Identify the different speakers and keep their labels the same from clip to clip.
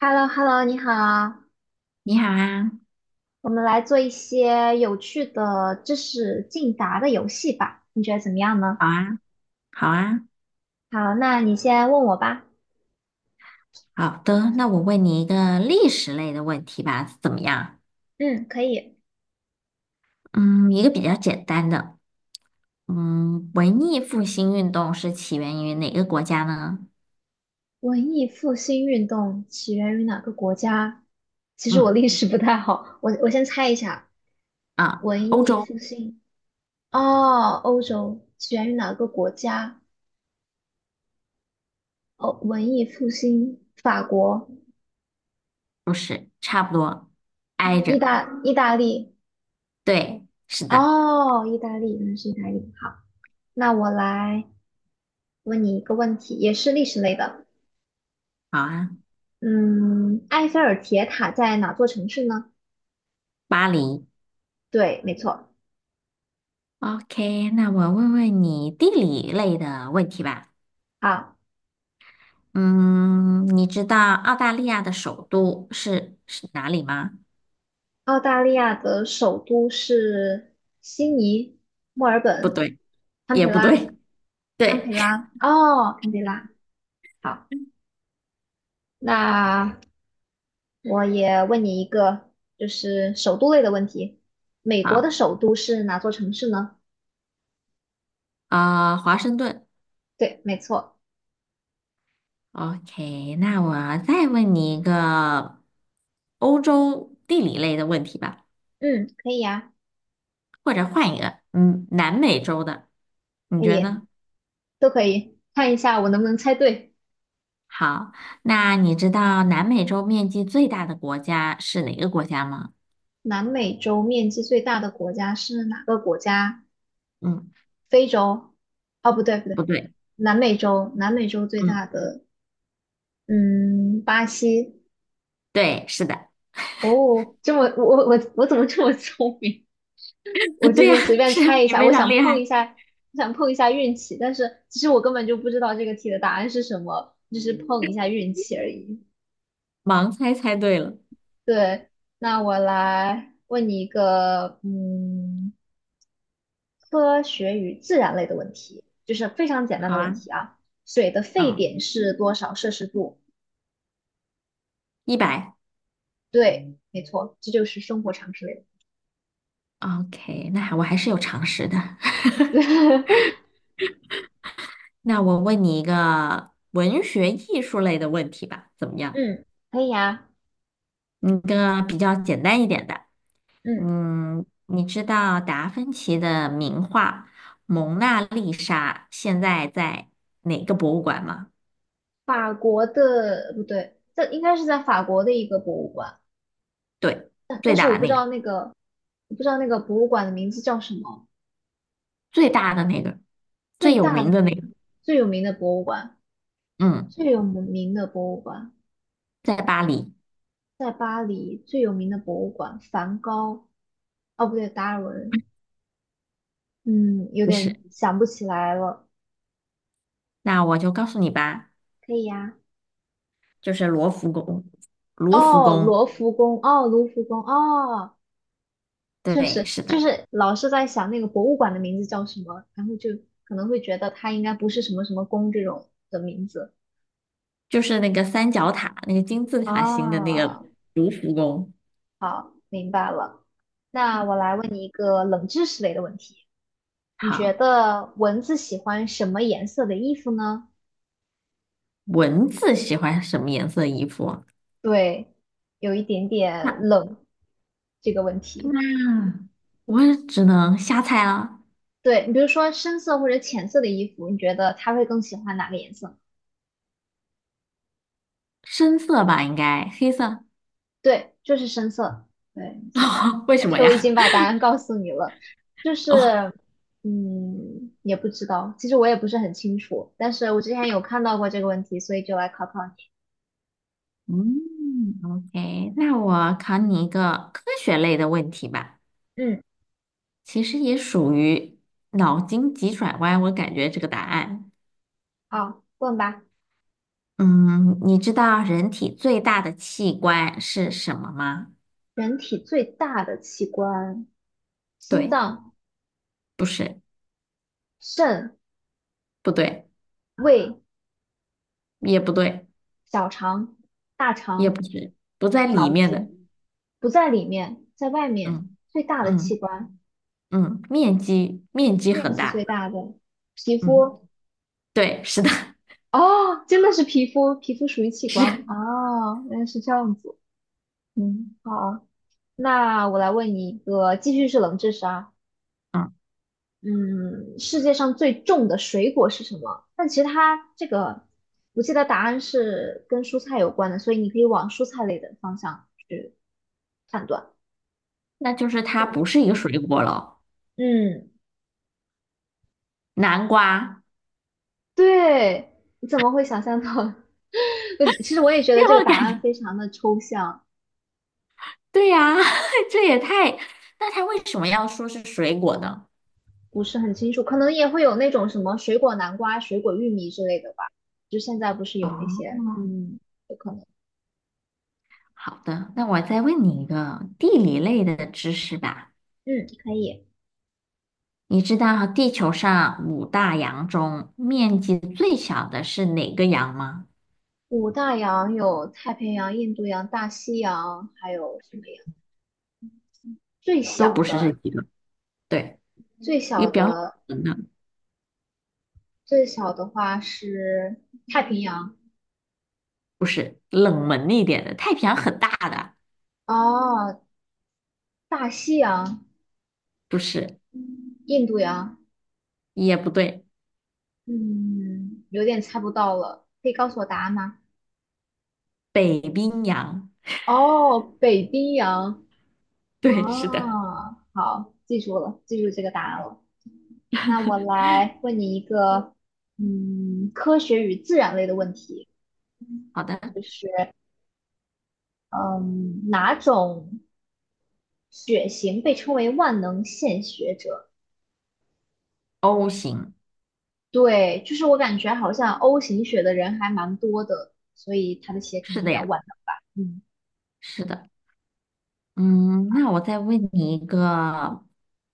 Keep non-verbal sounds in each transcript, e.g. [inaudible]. Speaker 1: h e l l o h e l l o 你好，
Speaker 2: 你好啊，
Speaker 1: 我们来做一些有趣的知识竞答的游戏吧，你觉得怎么样呢？
Speaker 2: 好啊，好啊，
Speaker 1: 好，那你先问我吧。
Speaker 2: 好的。那我问你一个历史类的问题吧，怎么样？
Speaker 1: 嗯，可以。
Speaker 2: 嗯，一个比较简单的。嗯，文艺复兴运动是起源于哪个国家呢？
Speaker 1: 文艺复兴运动起源于哪个国家？其实我
Speaker 2: 嗯
Speaker 1: 历史不太好，我先猜一下。
Speaker 2: 啊，欧
Speaker 1: 文艺
Speaker 2: 洲
Speaker 1: 复兴，哦，欧洲起源于哪个国家？哦，文艺复兴，法国、
Speaker 2: 不是，差不多，挨
Speaker 1: 意
Speaker 2: 着。
Speaker 1: 大意大利。
Speaker 2: 对，是的，
Speaker 1: 哦，意大利，原来是意大利。好，那我来。问你一个问题，也是历史类的。
Speaker 2: 好啊，
Speaker 1: 嗯，埃菲尔铁塔在哪座城市呢？
Speaker 2: 巴黎。
Speaker 1: 对，没错。
Speaker 2: OK，那我问问你地理类的问题吧。
Speaker 1: 好，
Speaker 2: 嗯，你知道澳大利亚的首都是哪里吗？
Speaker 1: 澳大利亚的首都是悉尼、墨尔
Speaker 2: 不
Speaker 1: 本、
Speaker 2: 对，
Speaker 1: 堪
Speaker 2: 也
Speaker 1: 培
Speaker 2: 不
Speaker 1: 拉、
Speaker 2: 对。
Speaker 1: 堪
Speaker 2: 对，
Speaker 1: 培拉。哦，堪培拉。好，那我也问你一个，就是首都类的问题。美国的
Speaker 2: 好，
Speaker 1: 首都是哪座城市呢？
Speaker 2: 华盛顿。
Speaker 1: 对，没错。
Speaker 2: OK，那我再问你一个欧洲地理类的问题吧，
Speaker 1: 嗯，可以呀，
Speaker 2: 或者换一个，嗯，南美洲的，你
Speaker 1: 可
Speaker 2: 觉得
Speaker 1: 以，
Speaker 2: 呢？
Speaker 1: 都可以。看一下我能不能猜对。
Speaker 2: 好，那你知道南美洲面积最大的国家是哪个国家吗？
Speaker 1: 南美洲面积最大的国家是哪个国家？
Speaker 2: 嗯，
Speaker 1: 非洲？哦，不对不
Speaker 2: 不
Speaker 1: 对，
Speaker 2: 对，
Speaker 1: 南美洲，南美洲最
Speaker 2: 嗯，
Speaker 1: 大的，嗯，巴西。
Speaker 2: 对，是的，
Speaker 1: 哦，这么我怎么这么聪明？[laughs] 我
Speaker 2: [laughs]
Speaker 1: 就
Speaker 2: 对呀，
Speaker 1: 是随便
Speaker 2: 是
Speaker 1: 猜一
Speaker 2: 你
Speaker 1: 下，
Speaker 2: 非
Speaker 1: 我
Speaker 2: 常
Speaker 1: 想
Speaker 2: 厉
Speaker 1: 碰
Speaker 2: 害，
Speaker 1: 一下，我想碰一下运气，但是其实我根本就不知道这个题的答案是什么，就是碰一下运气而已。
Speaker 2: 盲猜猜对了。
Speaker 1: 对，那我来问你一个，嗯。科学与自然类的问题，就是非常简单
Speaker 2: 好
Speaker 1: 的问
Speaker 2: 啊，
Speaker 1: 题啊。水的沸
Speaker 2: 嗯，
Speaker 1: 点是多少摄氏度？
Speaker 2: 100。
Speaker 1: 对，没错，这就是生活常识类
Speaker 2: OK，那我还是有常识的。
Speaker 1: 的。[laughs]
Speaker 2: 那我问你一个文学艺术类的问题吧，怎么样？
Speaker 1: 嗯，可以呀、
Speaker 2: 嗯，个比较简单一点的。
Speaker 1: 嗯，
Speaker 2: 嗯，你知道达芬奇的名画《蒙娜丽莎》现在在哪个博物馆吗？
Speaker 1: 法国的不对，这应该是在法国的一个博物馆，
Speaker 2: 对，
Speaker 1: 但
Speaker 2: 最
Speaker 1: 但是我
Speaker 2: 大的
Speaker 1: 不知
Speaker 2: 那个，
Speaker 1: 道那个，我不知道那个博物馆的名字叫什么。
Speaker 2: 最大的那个，最
Speaker 1: 最
Speaker 2: 有
Speaker 1: 大的
Speaker 2: 名的那
Speaker 1: 那个，
Speaker 2: 个。
Speaker 1: 最有名的博物馆，
Speaker 2: 嗯，
Speaker 1: 最有名的博物馆
Speaker 2: 在巴黎。
Speaker 1: 在巴黎，最有名的博物馆，梵高，哦不对，达尔文，嗯，有
Speaker 2: 不是，
Speaker 1: 点想不起来了。
Speaker 2: 那我就告诉你吧，
Speaker 1: 可以呀、
Speaker 2: 就是罗浮宫。卢浮
Speaker 1: 哦，
Speaker 2: 宫，
Speaker 1: 罗浮宫，哦，卢浮宫，哦，确
Speaker 2: 对，
Speaker 1: 实，
Speaker 2: 是
Speaker 1: 就
Speaker 2: 的。
Speaker 1: 是老是在想那个博物馆的名字叫什么，然后就可能会觉得它应该不是什么什么宫这种的名字。
Speaker 2: 就是那个三角塔，那个金字塔形的那个
Speaker 1: 啊，
Speaker 2: 卢浮宫。
Speaker 1: 好，明白了。那我来问你一个冷知识类的问题，你觉
Speaker 2: 好，
Speaker 1: 得蚊子喜欢什么颜色的衣服呢？
Speaker 2: 蚊子喜欢什么颜色的衣服啊？
Speaker 1: 对，有一点点
Speaker 2: 那
Speaker 1: 冷这个问题。
Speaker 2: 嗯，我也只能瞎猜了，
Speaker 1: 对，你比如说深色或者浅色的衣服，你觉得他会更喜欢哪个颜色？
Speaker 2: 深色吧，应该黑色。
Speaker 1: 对，就是深色。对，没
Speaker 2: [laughs]
Speaker 1: 错。
Speaker 2: 哦，为什
Speaker 1: 其
Speaker 2: 么
Speaker 1: 实我已
Speaker 2: 呀？
Speaker 1: 经把答案告诉你了，就
Speaker 2: [laughs] 哦，
Speaker 1: 是，嗯，也不知道，其实我也不是很清楚，但是我之前有看到过这个问题，所以就来考考你。
Speaker 2: 嗯，OK，那我考你一个科学类的问题吧，
Speaker 1: 嗯，
Speaker 2: 其实也属于脑筋急转弯，我感觉这个答案。
Speaker 1: 好，问吧。
Speaker 2: 嗯，你知道人体最大的器官是什么吗？
Speaker 1: 人体最大的器官，心
Speaker 2: 对，
Speaker 1: 脏、
Speaker 2: 不是。
Speaker 1: 肾、
Speaker 2: 不对，
Speaker 1: 胃、
Speaker 2: 也不对，
Speaker 1: 小肠、大
Speaker 2: 也
Speaker 1: 肠、
Speaker 2: 不是，不在里
Speaker 1: 脑
Speaker 2: 面
Speaker 1: 子，
Speaker 2: 的。
Speaker 1: 不在里面，在外面。
Speaker 2: 嗯
Speaker 1: 最大的
Speaker 2: 嗯
Speaker 1: 器官。
Speaker 2: 嗯，面积
Speaker 1: 面
Speaker 2: 很
Speaker 1: 积最
Speaker 2: 大。
Speaker 1: 大的皮
Speaker 2: 嗯，
Speaker 1: 肤
Speaker 2: 对，是的，
Speaker 1: 哦，真的是皮肤，皮肤属于器官
Speaker 2: 是。
Speaker 1: 哦，原来是这样子。
Speaker 2: 嗯
Speaker 1: 好，那我来问你一个，继续是冷知识啊。
Speaker 2: 嗯，
Speaker 1: 嗯，世界上最重的水果是什么？但其实它这个，我记得答案是跟蔬菜有关的，所以你可以往蔬菜类的方向去判断。
Speaker 2: 那就是
Speaker 1: 重
Speaker 2: 它不
Speaker 1: 的，
Speaker 2: 是一个水果了。
Speaker 1: 嗯，
Speaker 2: 南瓜，
Speaker 1: 对，你怎么会想象到？[laughs] 我其实我也觉得这
Speaker 2: 让
Speaker 1: 个
Speaker 2: 我
Speaker 1: 答
Speaker 2: 感
Speaker 1: 案
Speaker 2: 觉，
Speaker 1: 非常的抽象。
Speaker 2: 对呀、[laughs] 这也太……那它为什么要说是水果呢？
Speaker 1: 不是很清楚，可能也会有那种什么水果南瓜、水果玉米之类的吧。就现在不是有那些，
Speaker 2: 哦，
Speaker 1: 嗯，有可能，
Speaker 2: 好的，那我再问你一个地理类的知识吧。
Speaker 1: 嗯，可以。
Speaker 2: 你知道地球上五大洋中面积最小的是哪个洋吗？
Speaker 1: 五大洋有太平洋、印度洋、大西洋，还有什么呀？最
Speaker 2: 都
Speaker 1: 小
Speaker 2: 不是这
Speaker 1: 的，
Speaker 2: 几个。对，
Speaker 1: 最
Speaker 2: 一
Speaker 1: 小
Speaker 2: 个比较
Speaker 1: 的，
Speaker 2: 冷门的，
Speaker 1: 最小的话是太平洋，
Speaker 2: 不是冷门一点的，太平洋很大的，
Speaker 1: 哦，大西洋、
Speaker 2: 不是，
Speaker 1: 印度洋，
Speaker 2: 也不对，
Speaker 1: 嗯，有点猜不到了，可以告诉我答案吗？
Speaker 2: 北冰洋，
Speaker 1: 哦，北冰洋。
Speaker 2: 对，是的，
Speaker 1: 哦，好，记住了，记住这个答案了。那我来问你一个，嗯，科学与自然类的问题，
Speaker 2: 好的
Speaker 1: 就是，嗯，哪种血型被称为万能献血者？
Speaker 2: ，O 型，
Speaker 1: 对，就是我感觉好像 O 型血的人还蛮多的，所以他的血可能
Speaker 2: 是
Speaker 1: 比
Speaker 2: 的
Speaker 1: 较
Speaker 2: 呀，
Speaker 1: 万能吧。嗯
Speaker 2: 是的，嗯，那我再问你一个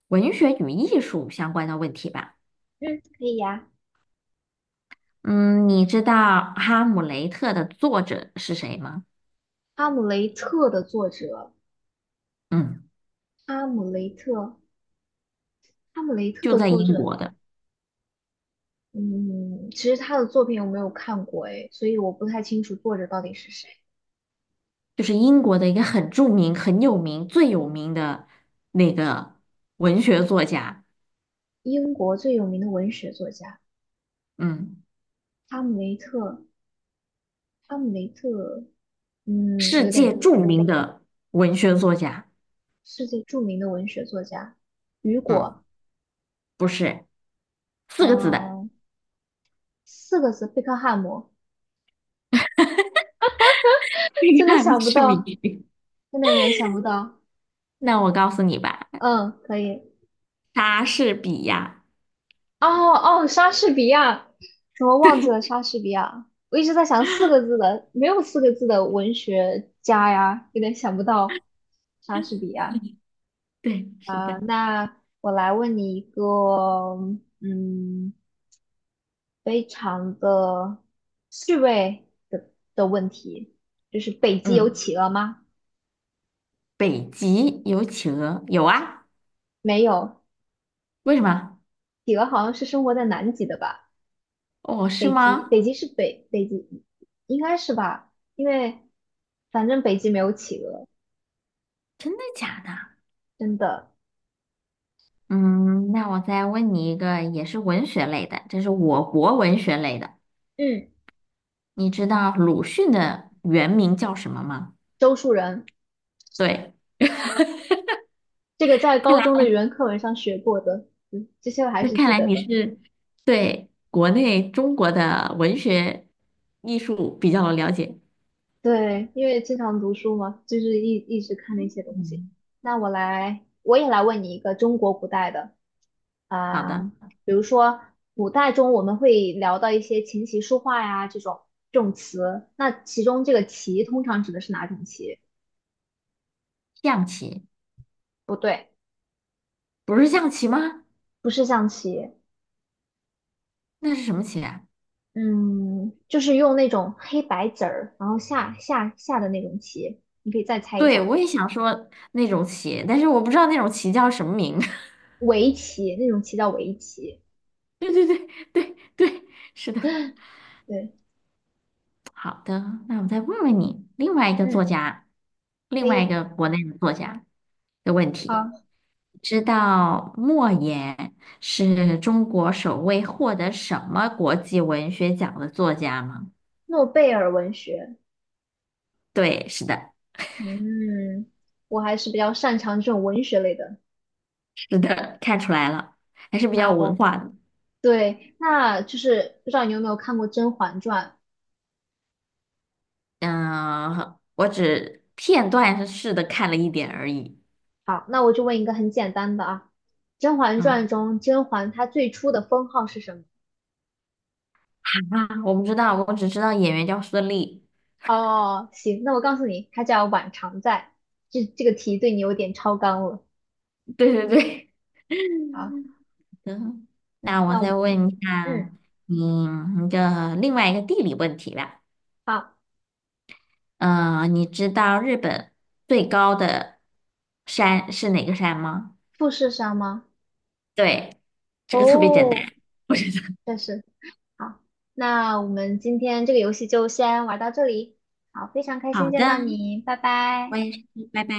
Speaker 2: 文学与艺术相关的问题吧，
Speaker 1: 嗯，可以呀。
Speaker 2: 嗯，你知道《哈姆雷特》的作者是谁吗？
Speaker 1: 哈姆雷特的作者，
Speaker 2: 嗯，
Speaker 1: 哈姆雷特，哈姆雷特
Speaker 2: 就
Speaker 1: 的
Speaker 2: 在
Speaker 1: 作
Speaker 2: 英
Speaker 1: 者
Speaker 2: 国的。
Speaker 1: 嗯，其实他的作品我没有看过诶，所以我不太清楚作者到底是谁。
Speaker 2: 就是英国的一个很著名、很有名、最有名的那个文学作家，
Speaker 1: 英国最有名的文学作家
Speaker 2: 嗯，
Speaker 1: 哈姆雷特，哈姆雷特，嗯，
Speaker 2: 世
Speaker 1: 有
Speaker 2: 界
Speaker 1: 点
Speaker 2: 著名的文学作家，
Speaker 1: 世界著名的文学作家，雨
Speaker 2: 嗯，
Speaker 1: 果，
Speaker 2: 不是四个字的，
Speaker 1: 嗯、四个字，贝克汉姆，
Speaker 2: [laughs] 这
Speaker 1: [laughs] 真的
Speaker 2: 个
Speaker 1: 想不
Speaker 2: 是谜
Speaker 1: 到，
Speaker 2: 语
Speaker 1: 真的有点想不到。
Speaker 2: 那我告诉你吧，
Speaker 1: 嗯，可以。
Speaker 2: 莎士比亚，
Speaker 1: 哦哦，莎士比亚，怎么忘记了莎士比亚？我一直在想四个字的，没有四个字的文学家呀，有点想不到莎士比亚。
Speaker 2: 对，是
Speaker 1: 啊、
Speaker 2: 的，
Speaker 1: 那我来问你一个，嗯，非常的趣味的的问题，就是北极有
Speaker 2: 嗯，
Speaker 1: 企鹅吗？
Speaker 2: 北极有企鹅，有啊，
Speaker 1: 没有，
Speaker 2: 为什么？
Speaker 1: 企鹅好像是生活在南极的吧？
Speaker 2: 哦，是
Speaker 1: 北极，
Speaker 2: 吗？
Speaker 1: 北极是北，北极应该是吧？因为反正北极没有企鹅。
Speaker 2: 真的假的？
Speaker 1: 真的。
Speaker 2: 嗯，那我再问你一个，也是文学类的，这是我国文学类的。
Speaker 1: 嗯，
Speaker 2: 你知道鲁迅的原名叫什么吗？
Speaker 1: 周树人，
Speaker 2: 对，
Speaker 1: 这个在
Speaker 2: 看
Speaker 1: 高中
Speaker 2: 来
Speaker 1: 的语文课文上学过的，嗯，这些我还是记得的。
Speaker 2: 对国内中国的文学艺术比较了解。
Speaker 1: 对，因为经常读书嘛，就是一直看那些东西。
Speaker 2: 嗯，
Speaker 1: 那我来，我也来问你一个中国古代的
Speaker 2: 好
Speaker 1: 啊、
Speaker 2: 的，
Speaker 1: 比如说古代中我们会聊到一些琴棋书画呀这种这种词，那其中这个棋通常指的是哪种棋？
Speaker 2: 象棋
Speaker 1: 不对，
Speaker 2: 不是象棋吗？
Speaker 1: 不是象棋，
Speaker 2: 那是什么棋啊？
Speaker 1: 嗯，就是用那种黑白子儿，然后下的那种棋，你可以再猜一
Speaker 2: 对，
Speaker 1: 下，
Speaker 2: 我也想说那种棋，但是我不知道那种棋叫什么名。[laughs]
Speaker 1: 围棋那种棋叫围棋。
Speaker 2: 对对对对对，是的。
Speaker 1: 对，
Speaker 2: 好的，那我再问问你，另外一个作
Speaker 1: 嗯，
Speaker 2: 家，
Speaker 1: 可
Speaker 2: 另外
Speaker 1: 以。
Speaker 2: 一个国内的作家的问题。
Speaker 1: 好，
Speaker 2: 知道莫言是中国首位获得什么国际文学奖的作家吗？
Speaker 1: 诺贝尔文学，
Speaker 2: 对，是的，
Speaker 1: 嗯，我还是比较擅长这种文学类的。
Speaker 2: 是的，看出来了，还是比较
Speaker 1: 那
Speaker 2: 有文
Speaker 1: 我
Speaker 2: 化的。
Speaker 1: 对，那就是不知道你有没有看过《甄嬛传》？
Speaker 2: 嗯，我只片段式的看了一点而已。
Speaker 1: 好，那我就问一个很简单的啊，《甄嬛传》
Speaker 2: 嗯
Speaker 1: 中甄嬛她最初的封号是什么？
Speaker 2: 啊，我不知道，我只知道演员叫孙俪。
Speaker 1: 哦，行，那我告诉你，它叫晚常在。这个题对你有点超纲了。
Speaker 2: [laughs] 对对对，
Speaker 1: 好，
Speaker 2: 嗯，那我
Speaker 1: 那我
Speaker 2: 再
Speaker 1: 们，
Speaker 2: 问一
Speaker 1: 嗯，
Speaker 2: 下你一个另外一个地理问题吧。
Speaker 1: 好，
Speaker 2: 嗯，你知道日本最高的山是哪个山吗？
Speaker 1: 复试上吗？
Speaker 2: 对，这个特别简
Speaker 1: 哦，
Speaker 2: 单。
Speaker 1: 确实。好，那我们今天这个游戏就先玩到这里。好，非常开
Speaker 2: 好
Speaker 1: 心
Speaker 2: 的，
Speaker 1: 见到你，拜
Speaker 2: 我
Speaker 1: 拜。
Speaker 2: 也是，拜拜。